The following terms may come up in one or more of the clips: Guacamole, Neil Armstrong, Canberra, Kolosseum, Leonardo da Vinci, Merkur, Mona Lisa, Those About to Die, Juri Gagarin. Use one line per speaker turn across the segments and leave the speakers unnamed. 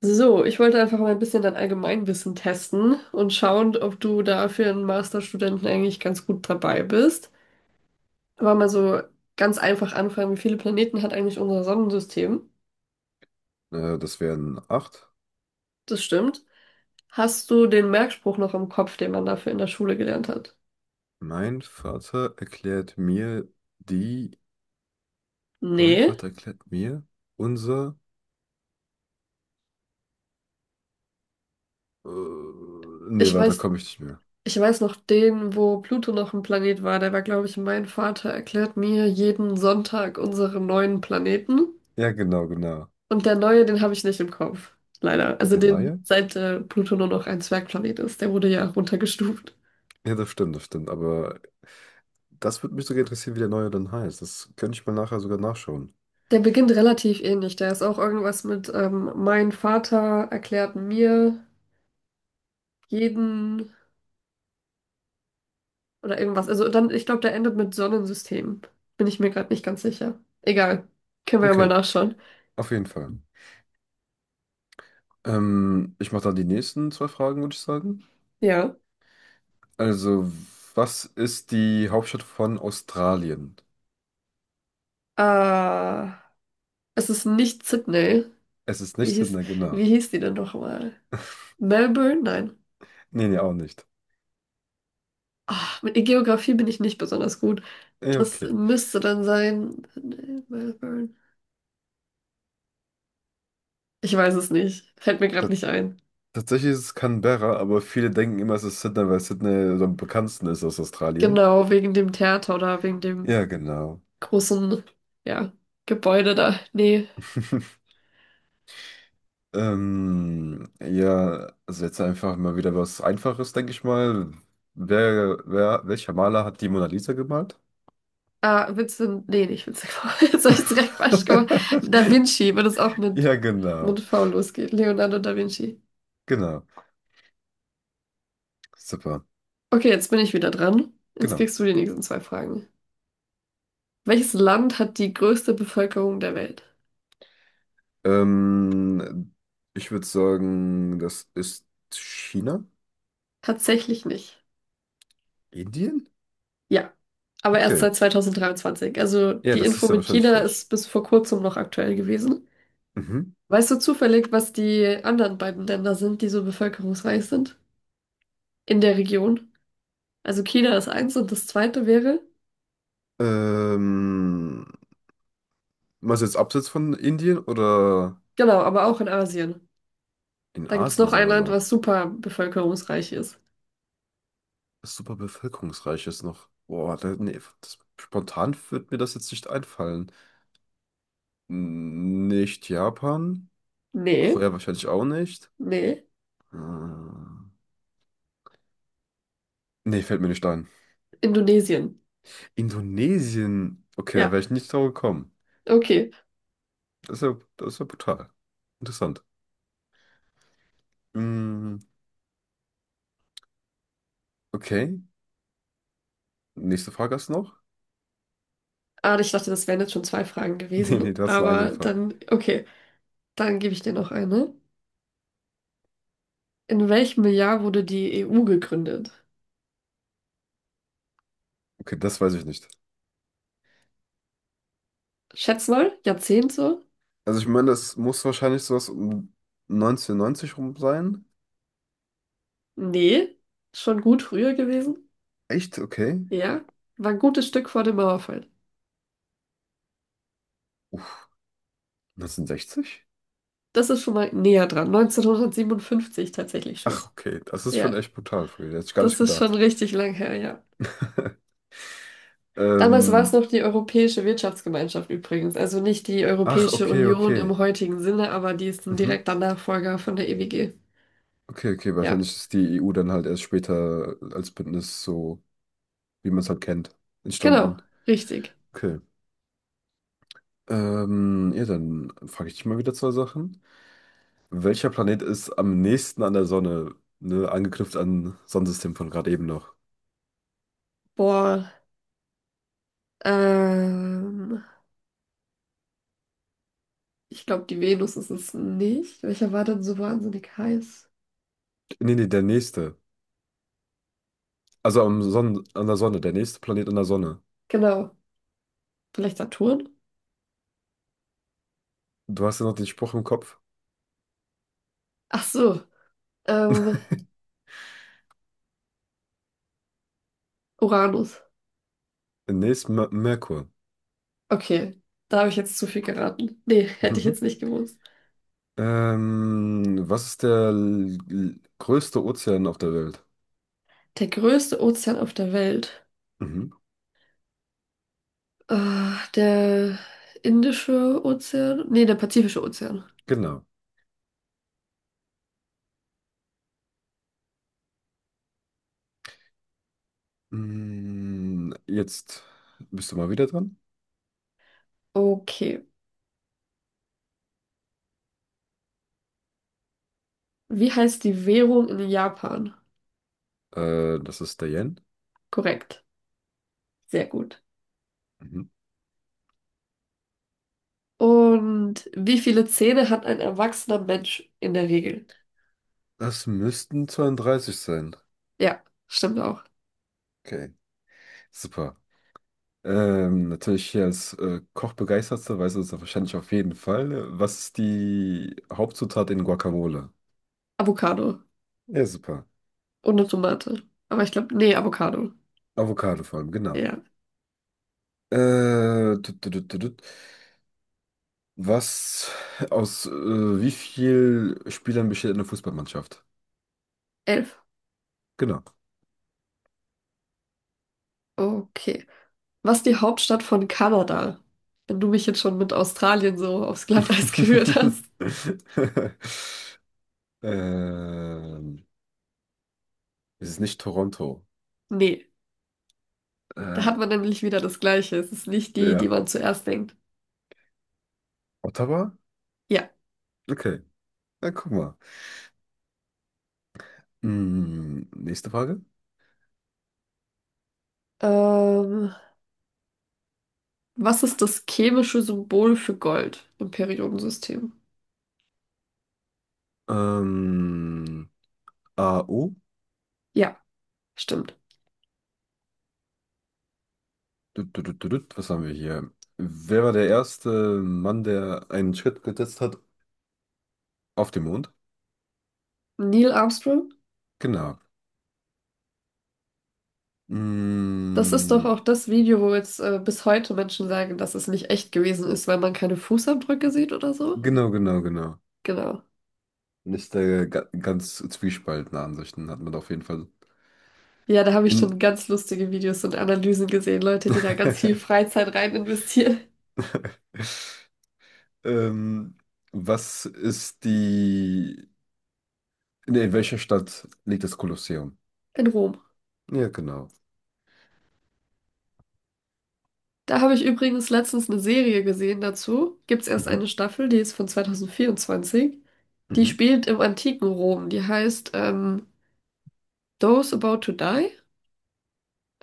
So, ich wollte einfach mal ein bisschen dein Allgemeinwissen testen und schauen, ob du da für einen Masterstudenten eigentlich ganz gut dabei bist. Aber mal so ganz einfach anfangen, wie viele Planeten hat eigentlich unser Sonnensystem?
Das wären acht.
Das stimmt. Hast du den Merkspruch noch im Kopf, den man dafür in der Schule gelernt hat?
Mein Vater erklärt mir die. Mein
Nee.
Vater erklärt mir unser. Äh, nee,
Ich
weiter
weiß,
komme ich nicht mehr.
ich weiß noch den, wo Pluto noch ein Planet war. Der war, glaube ich, mein Vater erklärt mir jeden Sonntag unsere neuen Planeten.
Ja, genau, genau.
Und der neue, den habe ich nicht im Kopf. Leider. Also
Der
den,
Neue?
seit Pluto nur noch ein Zwergplanet ist. Der wurde ja runtergestuft.
Ja, das stimmt, das stimmt. Aber das würde mich sogar interessieren, wie der Neue dann heißt. Das könnte ich mal nachher sogar nachschauen.
Der beginnt relativ ähnlich. Der ist auch irgendwas mit mein Vater erklärt mir jeden oder irgendwas. Also dann, ich glaube, der endet mit Sonnensystem. Bin ich mir gerade nicht ganz sicher. Egal. Können wir ja mal
Okay,
nachschauen.
auf jeden Fall. Ich mache dann die nächsten zwei Fragen, würde ich sagen.
Ja.
Also, was ist die Hauptstadt von Australien?
Äh, es ist nicht Sydney.
Es ist
Wie
nicht
hieß,
Sydney, genau.
wie hieß die denn nochmal? Melbourne? Nein.
Nee, nee, auch nicht.
Ah, mit in Geografie bin ich nicht besonders gut.
Eh,
Das
okay.
müsste dann sein, nee, Melbourne. Ich weiß es nicht. Fällt mir gerade nicht ein.
Tatsächlich ist es Canberra, aber viele denken immer, es ist Sydney, weil Sydney so am bekanntesten ist aus Australien.
Genau, wegen dem Theater oder wegen dem
Ja, genau.
großen, ja, Gebäude da. Nee.
Ja, also jetzt einfach mal wieder was Einfaches, denke ich mal. Welcher Maler hat die Mona Lisa gemalt?
Ah, Vincent. Nee, nicht Vincent. Jetzt habe ich es direkt falsch gemacht. Da Vinci, wenn es auch mit,
Ja,
mit
genau.
V losgeht. Leonardo da Vinci.
Genau. Super.
Okay, jetzt bin ich wieder dran. Jetzt
Genau.
kriegst du die nächsten zwei Fragen. Welches Land hat die größte Bevölkerung der Welt?
Ähm, ich würde sagen, das ist China?
Tatsächlich nicht.
Indien?
Ja, aber erst
Okay.
seit 2023. Also
Ja,
die
das
Info
ist ja
mit
wahrscheinlich
China
frisch.
ist bis vor kurzem noch aktuell gewesen.
Mhm.
Weißt du zufällig, was die anderen beiden Länder sind, die so bevölkerungsreich sind in der Region? Also China ist eins und das zweite wäre,
Ähm, meinst du jetzt abseits von Indien oder
genau, aber auch in Asien.
in
Da gibt es
Asien
noch ein
sogar
Land, was
noch?
super bevölkerungsreich ist.
Das super bevölkerungsreich ist noch. Boah, da, nee, das, spontan wird mir das jetzt nicht einfallen. Nicht Japan,
Nee,
Korea wahrscheinlich auch nicht.
nee,
Hm. Nee, fällt mir nicht ein.
Indonesien.
Indonesien. Okay, da
Ja,
wäre ich nicht drauf gekommen.
okay.
Das ist ja brutal. Interessant. Hm, okay, nächste Frage hast du noch?
Ah, ich dachte, das wären jetzt schon zwei Fragen
Nee,
gewesen,
nee, du hast nur eine
aber
gefragt.
dann, okay, dann gebe ich dir noch eine. In welchem Jahr wurde die EU gegründet?
Okay, das weiß ich nicht.
Schätz mal, Jahrzehnte?
Also ich meine, das muss wahrscheinlich sowas um 1990 rum sein.
Nee, schon gut früher gewesen.
Echt? Okay.
Ja, war ein gutes Stück vor dem Mauerfall.
Uff, 1960?
Das ist schon mal näher dran, 1957 tatsächlich schon.
Ach, okay. Das ist schon
Ja,
echt brutal früh. Hätte ich gar nicht
das ist schon
gedacht.
richtig lang her, ja. Damals war es
Ähm,
noch die Europäische Wirtschaftsgemeinschaft übrigens, also nicht die
ach,
Europäische
okay,
Union im
okay.
heutigen Sinne, aber die ist ein
Mhm.
direkter Nachfolger von der EWG.
Okay, okay.
Ja,
Wahrscheinlich ist die EU dann halt erst später als Bündnis so, wie man es halt kennt, entstanden.
genau, richtig.
Okay. Ja, dann frage ich dich mal wieder zwei Sachen. Welcher Planet ist am nächsten an der Sonne? Ne, angeknüpft an Sonnensystem von gerade eben noch.
Boah, ähm, ich glaube, die Venus ist es nicht. Welcher war denn so wahnsinnig heiß?
Nee, nee, der nächste. Also am Sonne an der Sonne, der nächste Planet an der Sonne.
Genau, vielleicht Saturn?
Du hast ja noch den Spruch im Kopf.
Ach so, ähm, Uranus.
Nächst Mer Merkur.
Okay, da habe ich jetzt zu viel geraten. Nee, hätte ich
Mhm.
jetzt nicht gewusst.
Was ist der größte Ozean auf der Welt?
Der größte Ozean auf der Welt.
Mhm.
Der Indische Ozean? Nee, der Pazifische Ozean.
Genau. Mm, jetzt bist du mal wieder dran.
Okay. Wie heißt die Währung in Japan?
Das ist der Yen.
Korrekt. Sehr gut.
Mhm.
Und wie viele Zähne hat ein erwachsener Mensch in der Regel?
Das müssten 32 sein.
Ja, stimmt auch.
Okay, super. Natürlich hier als Kochbegeisterter weißt du das wahrscheinlich auf jeden Fall. Was ist die Hauptzutat in Guacamole?
Avocado.
Ja, super.
Und eine Tomate. Aber ich glaube, nee, Avocado.
Avocado vor allem, genau.
Ja,
Äh, tut, tut, tut, tut, tut. Was aus wie viel Spielern besteht eine Fußballmannschaft?
11.
Genau.
Okay. Was ist die Hauptstadt von Kanada? Wenn du mich jetzt schon mit Australien so aufs Glatteis geführt hast.
Ähm, es ist nicht Toronto.
Nee, da
Äh,
hat man nämlich wieder das Gleiche. Es ist nicht die, die
ja.
man zuerst denkt.
Ottawa?
Ja.
Okay. Na, guck mal. Hm, nächste Frage.
Ähm, was ist das chemische Symbol für Gold im Periodensystem?
Ähm, A U.
Ja, stimmt.
Tut, tut, tut, tut, tut. Was haben wir hier? Wer war der erste Mann, der einen Schritt gesetzt hat auf dem Mond?
Neil Armstrong?
Genau.
Das ist doch
Mm,
auch das Video, wo jetzt bis heute Menschen sagen, dass es nicht echt gewesen ist, weil man keine Fußabdrücke sieht oder so.
genau, genau, genau.
Genau.
Und ist da ga ganz zwiespaltene Ansichten hat man da auf jeden Fall.
Ja, da habe ich
In,
schon ganz lustige Videos und Analysen gesehen, Leute, die da ganz viel Freizeit rein investieren.
ähm, was ist die. Nee, in welcher Stadt liegt das Kolosseum?
In Rom.
Ja, genau.
Da habe ich übrigens letztens eine Serie gesehen dazu. Gibt's erst
Mhm,
eine Staffel, die ist von 2024. Die
mhm.
spielt im antiken Rom. Die heißt Those About to Die.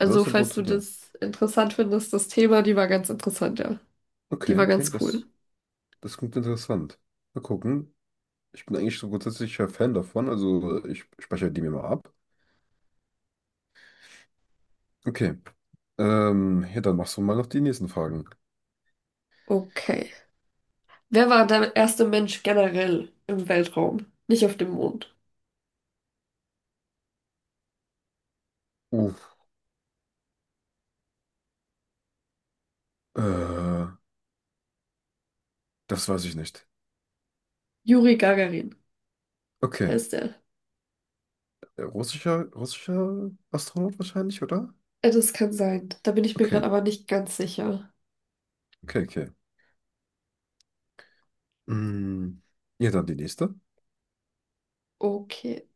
Also,
Großer
falls du
Portugal.
das interessant findest, das Thema, die war ganz interessant, ja. Die
Okay,
war
okay,
ganz cool.
das, das klingt interessant. Mal gucken. Ich bin eigentlich so grundsätzlicher Fan davon, also ich speichere die mir mal ab. Okay. Ja, dann machst du mal noch die nächsten Fragen.
Okay. Wer war der erste Mensch generell im Weltraum? Nicht auf dem Mond.
Uff. Äh, Das weiß ich nicht.
Juri Gagarin
Okay.
heißt er.
Russischer, russischer Astronaut wahrscheinlich, oder?
Das kann sein. Da bin ich mir
Okay,
gerade aber nicht ganz sicher.
okay, okay. Mm, ja, dann die nächste.
Okay.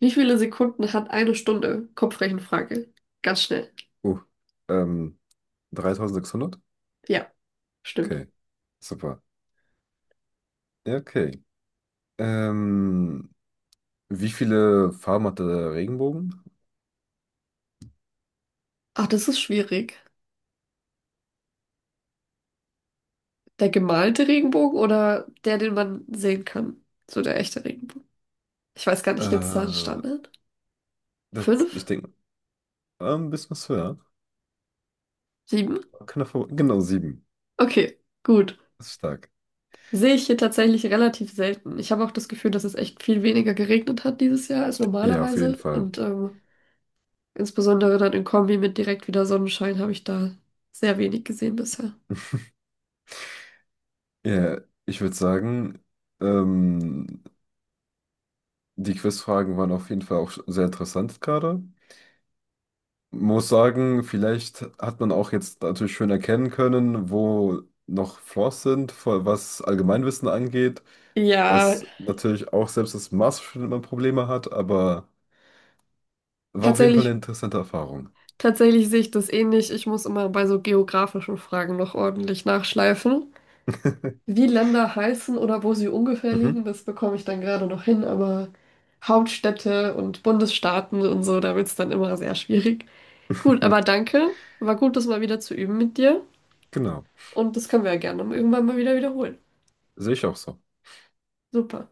Wie viele Sekunden hat eine Stunde? Kopfrechenfrage. Ganz schnell.
Uh, ähm, 3.600?
Ja, stimmt.
Okay, super. Ja, okay. Ähm, wie viele Farben hat der Regenbogen?
Ach, das ist schwierig. Der gemalte Regenbogen oder der, den man sehen kann? So der echte Regenbogen. Ich weiß gar nicht, gibt es da einen
Äh,
Standard?
ich
Fünf?
denke, ein bisschen was höher.
Sieben?
Genau, sieben.
Okay, gut.
Das ist stark.
Sehe ich hier tatsächlich relativ selten. Ich habe auch das Gefühl, dass es echt viel weniger geregnet hat dieses Jahr als
Ja, auf jeden
normalerweise.
Fall.
Und insbesondere dann in Kombi mit direkt wieder Sonnenschein habe ich da sehr wenig gesehen bisher.
Ja, ich würde sagen, ähm, Die Quizfragen waren auf jeden Fall auch sehr interessant gerade. Muss sagen, vielleicht hat man auch jetzt natürlich schön erkennen können, wo noch Flaws sind, was Allgemeinwissen angeht.
Ja,
Das natürlich auch selbst das Masterstudent man Probleme hat, aber war auf jeden Fall eine
tatsächlich,
interessante Erfahrung.
tatsächlich sehe ich das ähnlich. Ich muss immer bei so geografischen Fragen noch ordentlich nachschleifen. Wie Länder heißen oder wo sie ungefähr liegen,
Mhm.
das bekomme ich dann gerade noch hin, aber Hauptstädte und Bundesstaaten und so, da wird es dann immer sehr schwierig. Gut, aber danke. War gut, das mal wieder zu üben mit dir.
Genau.
Und das können wir ja gerne irgendwann mal wieder wiederholen.
Sehe ich auch so.
Super.